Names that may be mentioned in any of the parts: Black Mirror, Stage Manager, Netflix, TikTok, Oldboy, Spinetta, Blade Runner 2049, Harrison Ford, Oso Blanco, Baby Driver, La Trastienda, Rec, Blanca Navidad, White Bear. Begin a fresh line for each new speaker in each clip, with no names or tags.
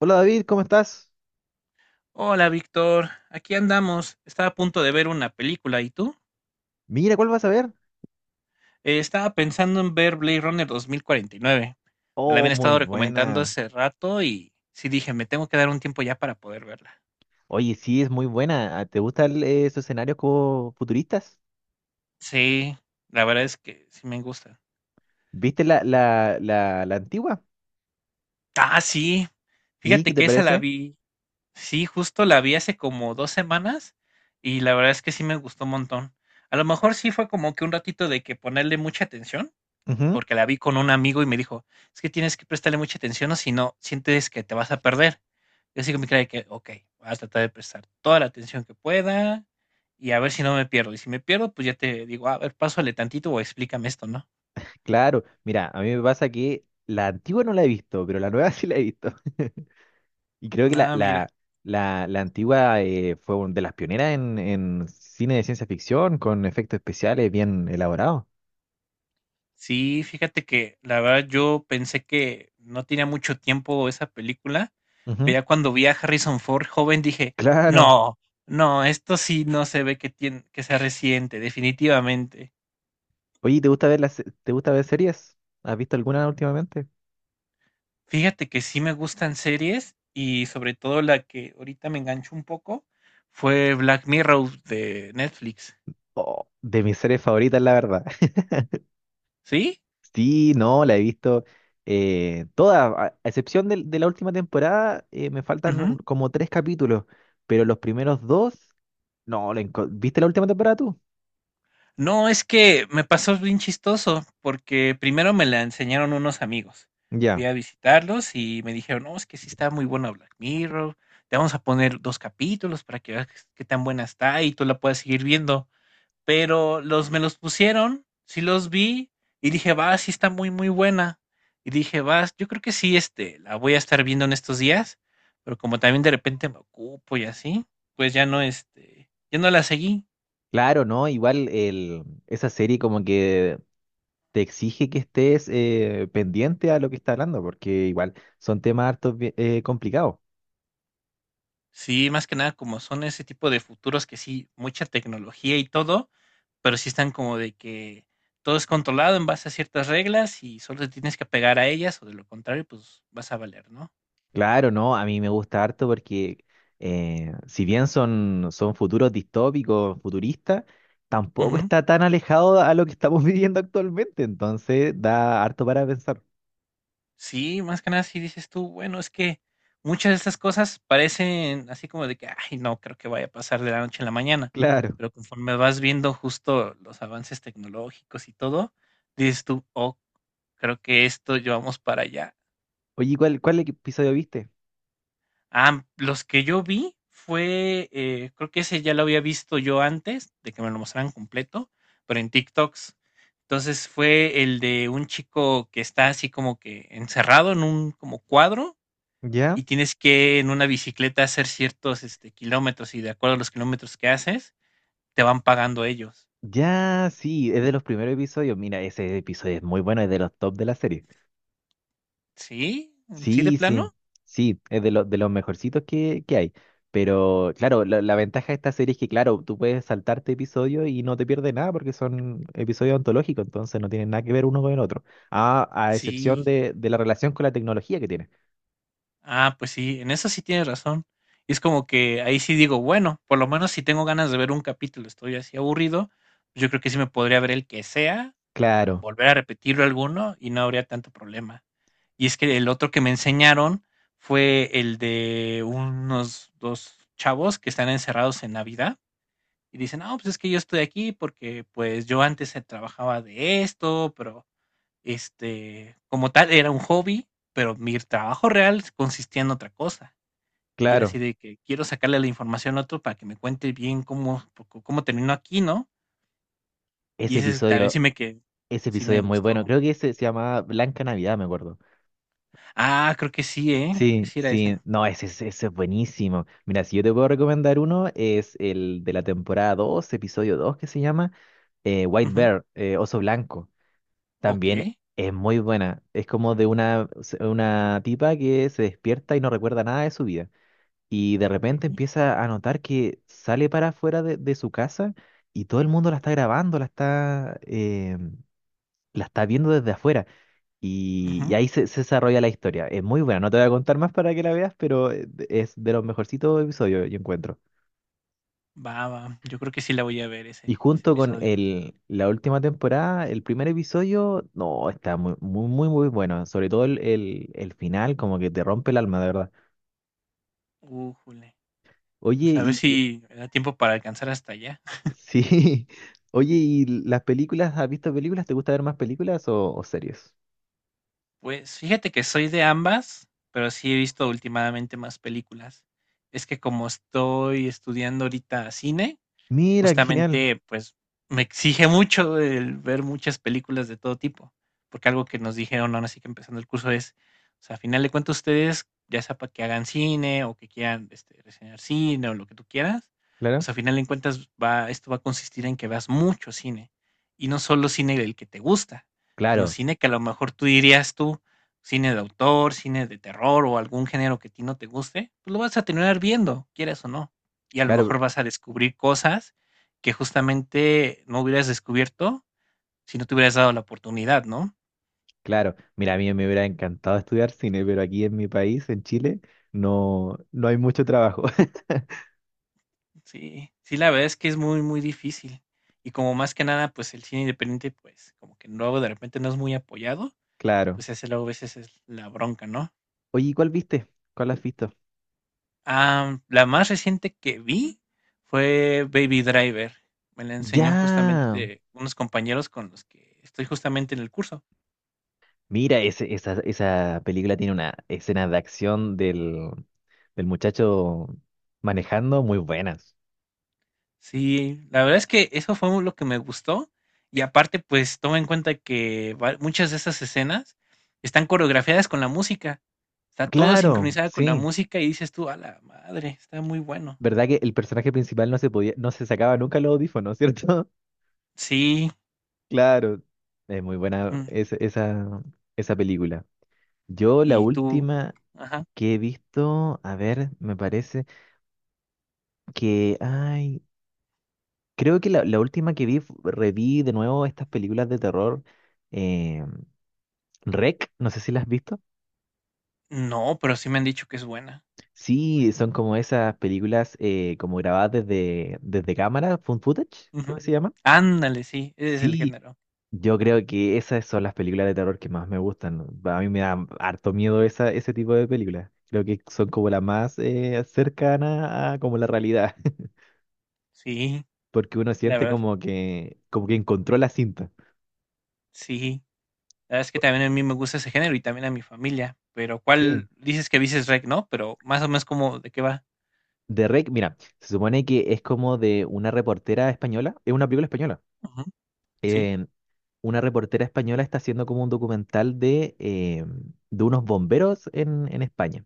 Hola David, ¿cómo estás?
Hola, Víctor. Aquí andamos. Estaba a punto de ver una película. ¿Y tú?
Mira, ¿cuál vas a ver?
Estaba pensando en ver Blade Runner 2049. Me la
Oh,
habían
muy
estado recomendando
buena.
hace rato y sí dije, me tengo que dar un tiempo ya para poder verla.
Oye, sí, es muy buena. Ah, ¿te gustan esos escenarios como futuristas?
Sí, la verdad es que sí me gusta.
¿Viste la antigua?
Ah, sí.
¿Y qué
Fíjate
te
que esa la
parece?
vi. Sí, justo la vi hace como 2 semanas y la verdad es que sí me gustó un montón. A lo mejor sí fue como que un ratito de que ponerle mucha atención,
Ujú.
porque la vi con un amigo y me dijo: "Es que tienes que prestarle mucha atención, o si no, sientes que te vas a perder". Yo así con mi cara que: "Okey, voy a tratar de prestar toda la atención que pueda y a ver si no me pierdo, y si me pierdo, pues, ya te digo: "A ver, pásale tantito o explícame esto", ¿no?
Claro, mira, a mí me pasa que la antigua no la he visto, pero la nueva sí la he visto. Y creo que la,
Ah,
la,
mira.
la, la antigua de las pioneras en cine de ciencia ficción, con efectos especiales bien elaborados.
Sí, fíjate que la verdad yo pensé que no tenía mucho tiempo esa película,
Ujú.
pero ya cuando vi a Harrison Ford joven dije:
Claro.
"No, no, esto sí no se ve que tiene que sea reciente, definitivamente".
Oye, ¿te gusta te gusta ver series? ¿Has visto alguna últimamente?
Fíjate que sí me gustan series y sobre todo la que ahorita me enganchó un poco fue Black Mirror de Netflix.
Oh, de mis series favoritas, la verdad.
¿Sí?
Sí, no, la he visto toda, a excepción de la última temporada, me faltan
Ujú.
como tres capítulos, pero los primeros dos, no, ¿viste la última temporada tú?
No, es que me pasó bien chistoso porque primero me la enseñaron unos amigos. Fui
Ya.
a visitarlos y me dijeron, no, es que sí está muy buena Black Mirror. Te vamos a poner dos capítulos para que veas qué tan buena está y tú la puedas seguir viendo. Pero los me los pusieron, sí los vi y dije, va, sí está muy, muy buena. Y dije, vas, yo creo que sí, este, la voy a estar viendo en estos días, pero como también de repente me ocupo y así, pues ya no, este, ya no la seguí.
Claro, no, esa serie como que te exige que estés pendiente a lo que está hablando, porque igual son temas hartos complicados.
Sí, más que nada como son ese tipo de futuros que sí, mucha tecnología y todo, pero sí están como de que todo es controlado en base a ciertas reglas y solo te tienes que apegar a ellas o de lo contrario, pues vas a valer, ¿no?
Claro, no, a mí me gusta harto porque si bien son, son futuros distópicos, futuristas, tampoco
Ujú.
está tan alejado a lo que estamos viviendo actualmente, entonces da harto para pensar.
Sí, más que nada si dices tú, bueno, es que muchas de estas cosas parecen así como de que, ay, no creo que vaya a pasar de la noche a la mañana,
Claro.
pero conforme vas viendo justo los avances tecnológicos y todo, dices tú, oh, creo que esto llevamos para allá.
Oye, cuál episodio viste?
Ah, los que yo vi fue, creo que ese ya lo había visto yo antes de que me lo mostraran completo, pero en TikToks. Entonces fue el de un chico que está así como que encerrado en un como cuadro y
¿Ya?
tienes que en una bicicleta hacer ciertos este, kilómetros y de acuerdo a los kilómetros que haces, te van pagando ellos.
Ya, sí, es de los primeros episodios. Mira, ese episodio es muy bueno, es de los top de la serie.
¿Sí? ¿Sí de
Sí,
plano?
sí, sí, es de los mejorcitos que hay. Pero claro, la ventaja de esta serie es que, claro, tú puedes saltarte episodios y no te pierdes nada porque son episodios ontológicos, entonces no tienen nada que ver uno con el otro. A excepción
Sí.
de la relación con la tecnología que tiene.
Ah, pues sí, en eso sí tienes razón. Y es como que ahí sí digo, bueno, por lo menos si tengo ganas de ver un capítulo, estoy así aburrido, pues yo creo que sí me podría ver el que sea o
Claro,
volver a repetirlo alguno y no habría tanto problema. Y es que el otro que me enseñaron fue el de unos dos chavos que están encerrados en Navidad. Y dicen, no, pues es que yo estoy aquí porque pues yo antes trabajaba de esto, pero este, como tal, era un hobby, pero mi trabajo real consistía en otra cosa. Y era así
claro.
de que quiero sacarle la información a otro para que me cuente bien cómo, cómo terminó aquí, ¿no? Y
Ese
ese es- también
episodio, ese
sí
episodio
me
es muy bueno.
gustó.
Creo que ese se llamaba Blanca Navidad, me acuerdo.
Ah, creo que sí, ¿eh? Creo que
Sí,
sí era ese.
sí, no, ese es buenísimo. Mira, si yo te puedo recomendar uno, es el de la temporada 2, episodio 2, que se llama White
Ujú.
Bear, Oso Blanco,
Ok,
también es muy buena. Es como de una tipa que se despierta y no recuerda nada de su vida. Y de repente
ok.
empieza a notar que sale para afuera de su casa y todo el mundo la está grabando, la está viendo desde afuera. Y
Ujú.
ahí se desarrolla la historia. Es muy buena. No te voy a contar más para que la veas, pero es de los mejorcitos episodios, yo encuentro.
Va, va. Yo creo que sí la voy a ver
Y
ese, ese
junto con
episodio.
la última temporada, el primer episodio, no, está muy, muy, muy, muy bueno. Sobre todo el final, como que te rompe el alma, de verdad.
Újule. Vamos
Oye,
a ver
y
si me da tiempo para alcanzar hasta allá.
sí, oye, ¿y las películas? ¿Has visto películas? ¿Te gusta ver más películas o series?
Pues, fíjate que soy de ambas, pero sí he visto últimamente más películas. Es que como estoy estudiando ahorita cine,
Mira, qué genial.
justamente, pues, me exige mucho el ver muchas películas de todo tipo, porque algo que nos dijeron ahora sí que empezando el curso es, o sea, a final de cuentas ustedes, ya sea para que hagan cine o que quieran este, reseñar cine o lo que tú quieras,
Claro.
pues a final de cuentas va, esto va a consistir en que veas mucho cine y no solo cine del que te gusta, sino
Claro,
cine que a lo mejor tú dirías tú, cine de autor, cine de terror o algún género que a ti no te guste, pues lo vas a terminar viendo, quieras o no. Y a lo
claro,
mejor vas a descubrir cosas que justamente no hubieras descubierto si no te hubieras dado la oportunidad, ¿no?
claro. Mira, a mí me hubiera encantado estudiar cine, pero aquí en mi país, en Chile, no, no hay mucho trabajo.
Sí, sí, la verdad es que es muy, muy difícil. Y como más que nada, pues el cine independiente, pues como que luego de repente no es muy apoyado,
Claro.
pues ese luego a veces es la bronca, ¿no?
Oye, ¿cuál viste? ¿Cuál has visto?
Ah, la más reciente que vi fue Baby Driver. Me la enseñó
Ya.
justamente unos compañeros con los que estoy justamente en el curso.
Mira, esa película tiene una escena de acción del muchacho manejando muy buenas.
Sí, la verdad es que eso fue lo que me gustó y aparte, pues toma en cuenta que muchas de esas escenas están coreografiadas con la música, está todo
Claro,
sincronizado con la
sí.
música y dices tú, a la madre, está muy bueno.
¿Verdad que el personaje principal no se sacaba nunca los audífonos, ¿cierto?
Sí,
Claro. Es muy buena
mm,
esa película. Yo la
y tú,
última
ajá,
que he visto, a ver, me parece que, ay, creo que la última que vi, reví de nuevo estas películas de terror, eh, Rec, no sé si las has visto.
no, pero sí me han dicho que es buena.
Sí, son como esas películas como grabadas desde cámara, found footage, creo
Ujú.
que se llama.
Ándale, sí, ese es el
Sí,
género.
yo creo que esas son las películas de terror que más me gustan. A mí me da harto miedo esa, ese tipo de películas. Creo que son como las más cercanas a como la realidad,
Sí,
porque uno
la
siente
verdad,
como que encontró la cinta.
sí. La verdad es que también a mí me gusta ese género y también a mi familia, pero ¿cuál
Sí,
dices que dices rec, no? Pero más o menos como de qué va.
de Rec, mira, se supone que es como de una reportera española, es una película española.
Sí,
eh, una reportera española está haciendo como un documental de unos bomberos en España.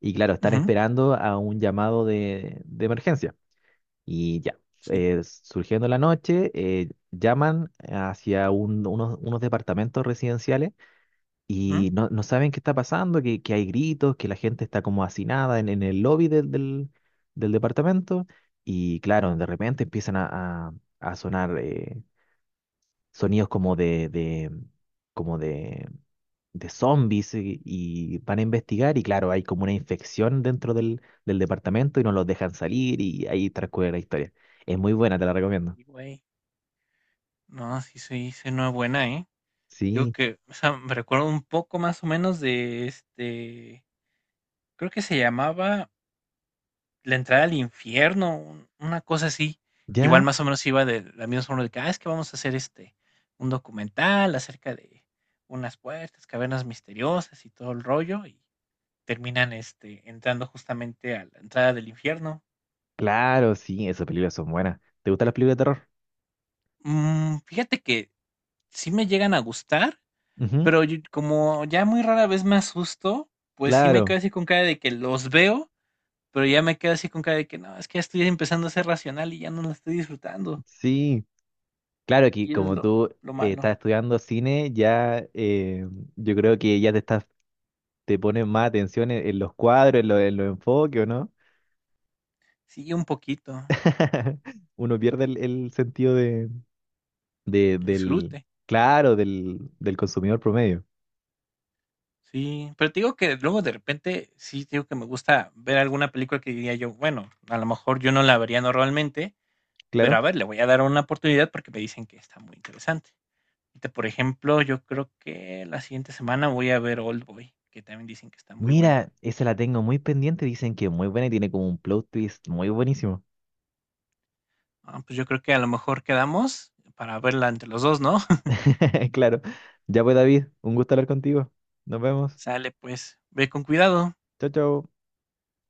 Y claro, están
ujú,
esperando a un llamado de emergencia. Y ya,
sí,
surgiendo la noche, llaman hacia unos, unos departamentos residenciales
ujú.
y no, no saben qué está pasando, que hay gritos, que la gente está como hacinada en el lobby del departamento. Y claro, de repente empiezan a sonar sonidos como como de zombies y van a investigar y claro, hay como una infección dentro del departamento y no los dejan salir y ahí transcurre la historia. Es muy buena, te la recomiendo.
Y, güey, no, sí se sí es buena, ¿eh? Digo
Sí,
que, o sea, me recuerdo un poco más o menos de este, creo que se llamaba La entrada al infierno, una cosa así. Igual
ya,
más o menos iba de la misma forma de que, ah, es que vamos a hacer este, un documental acerca de unas puertas, cavernas misteriosas y todo el rollo, y terminan este, entrando justamente a la entrada del infierno.
claro, sí, esas películas son buenas. ¿Te gustan las películas de terror?
Mm, fíjate que sí me llegan a gustar.
Ujú.
Pero como ya muy rara vez me asusto, pues sí me
Claro,
quedo así con cara de que los veo, pero ya me quedo así con cara de que no, es que ya estoy empezando a ser racional y ya no lo estoy disfrutando.
sí, claro que
Y es
como
lo,
tú
lo
estás
malo.
estudiando cine, ya yo creo que ya te estás, te pones más atención en los cuadros, en los enfoques, ¿o no?
Sí, un poquito,
Uno pierde el sentido de-
el
del,
disfrute.
claro, del consumidor promedio.
Sí, pero te digo que luego de repente sí te digo que me gusta ver alguna película que diría yo, bueno, a lo mejor yo no la vería normalmente, pero a
Claro.
ver, le voy a dar una oportunidad porque me dicen que está muy interesante. Ahorita, por ejemplo, yo creo que la siguiente semana voy a ver Oldboy, que también dicen que está muy buena.
Mira, esa la tengo muy pendiente. Dicen que es muy buena y tiene como un plot twist muy buenísimo.
Ah, pues yo creo que a lo mejor quedamos para verla entre los dos, ¿no?
Claro. Ya pues, David, un gusto hablar contigo. Nos vemos.
Sale, pues, ve con cuidado.
Chao, chao.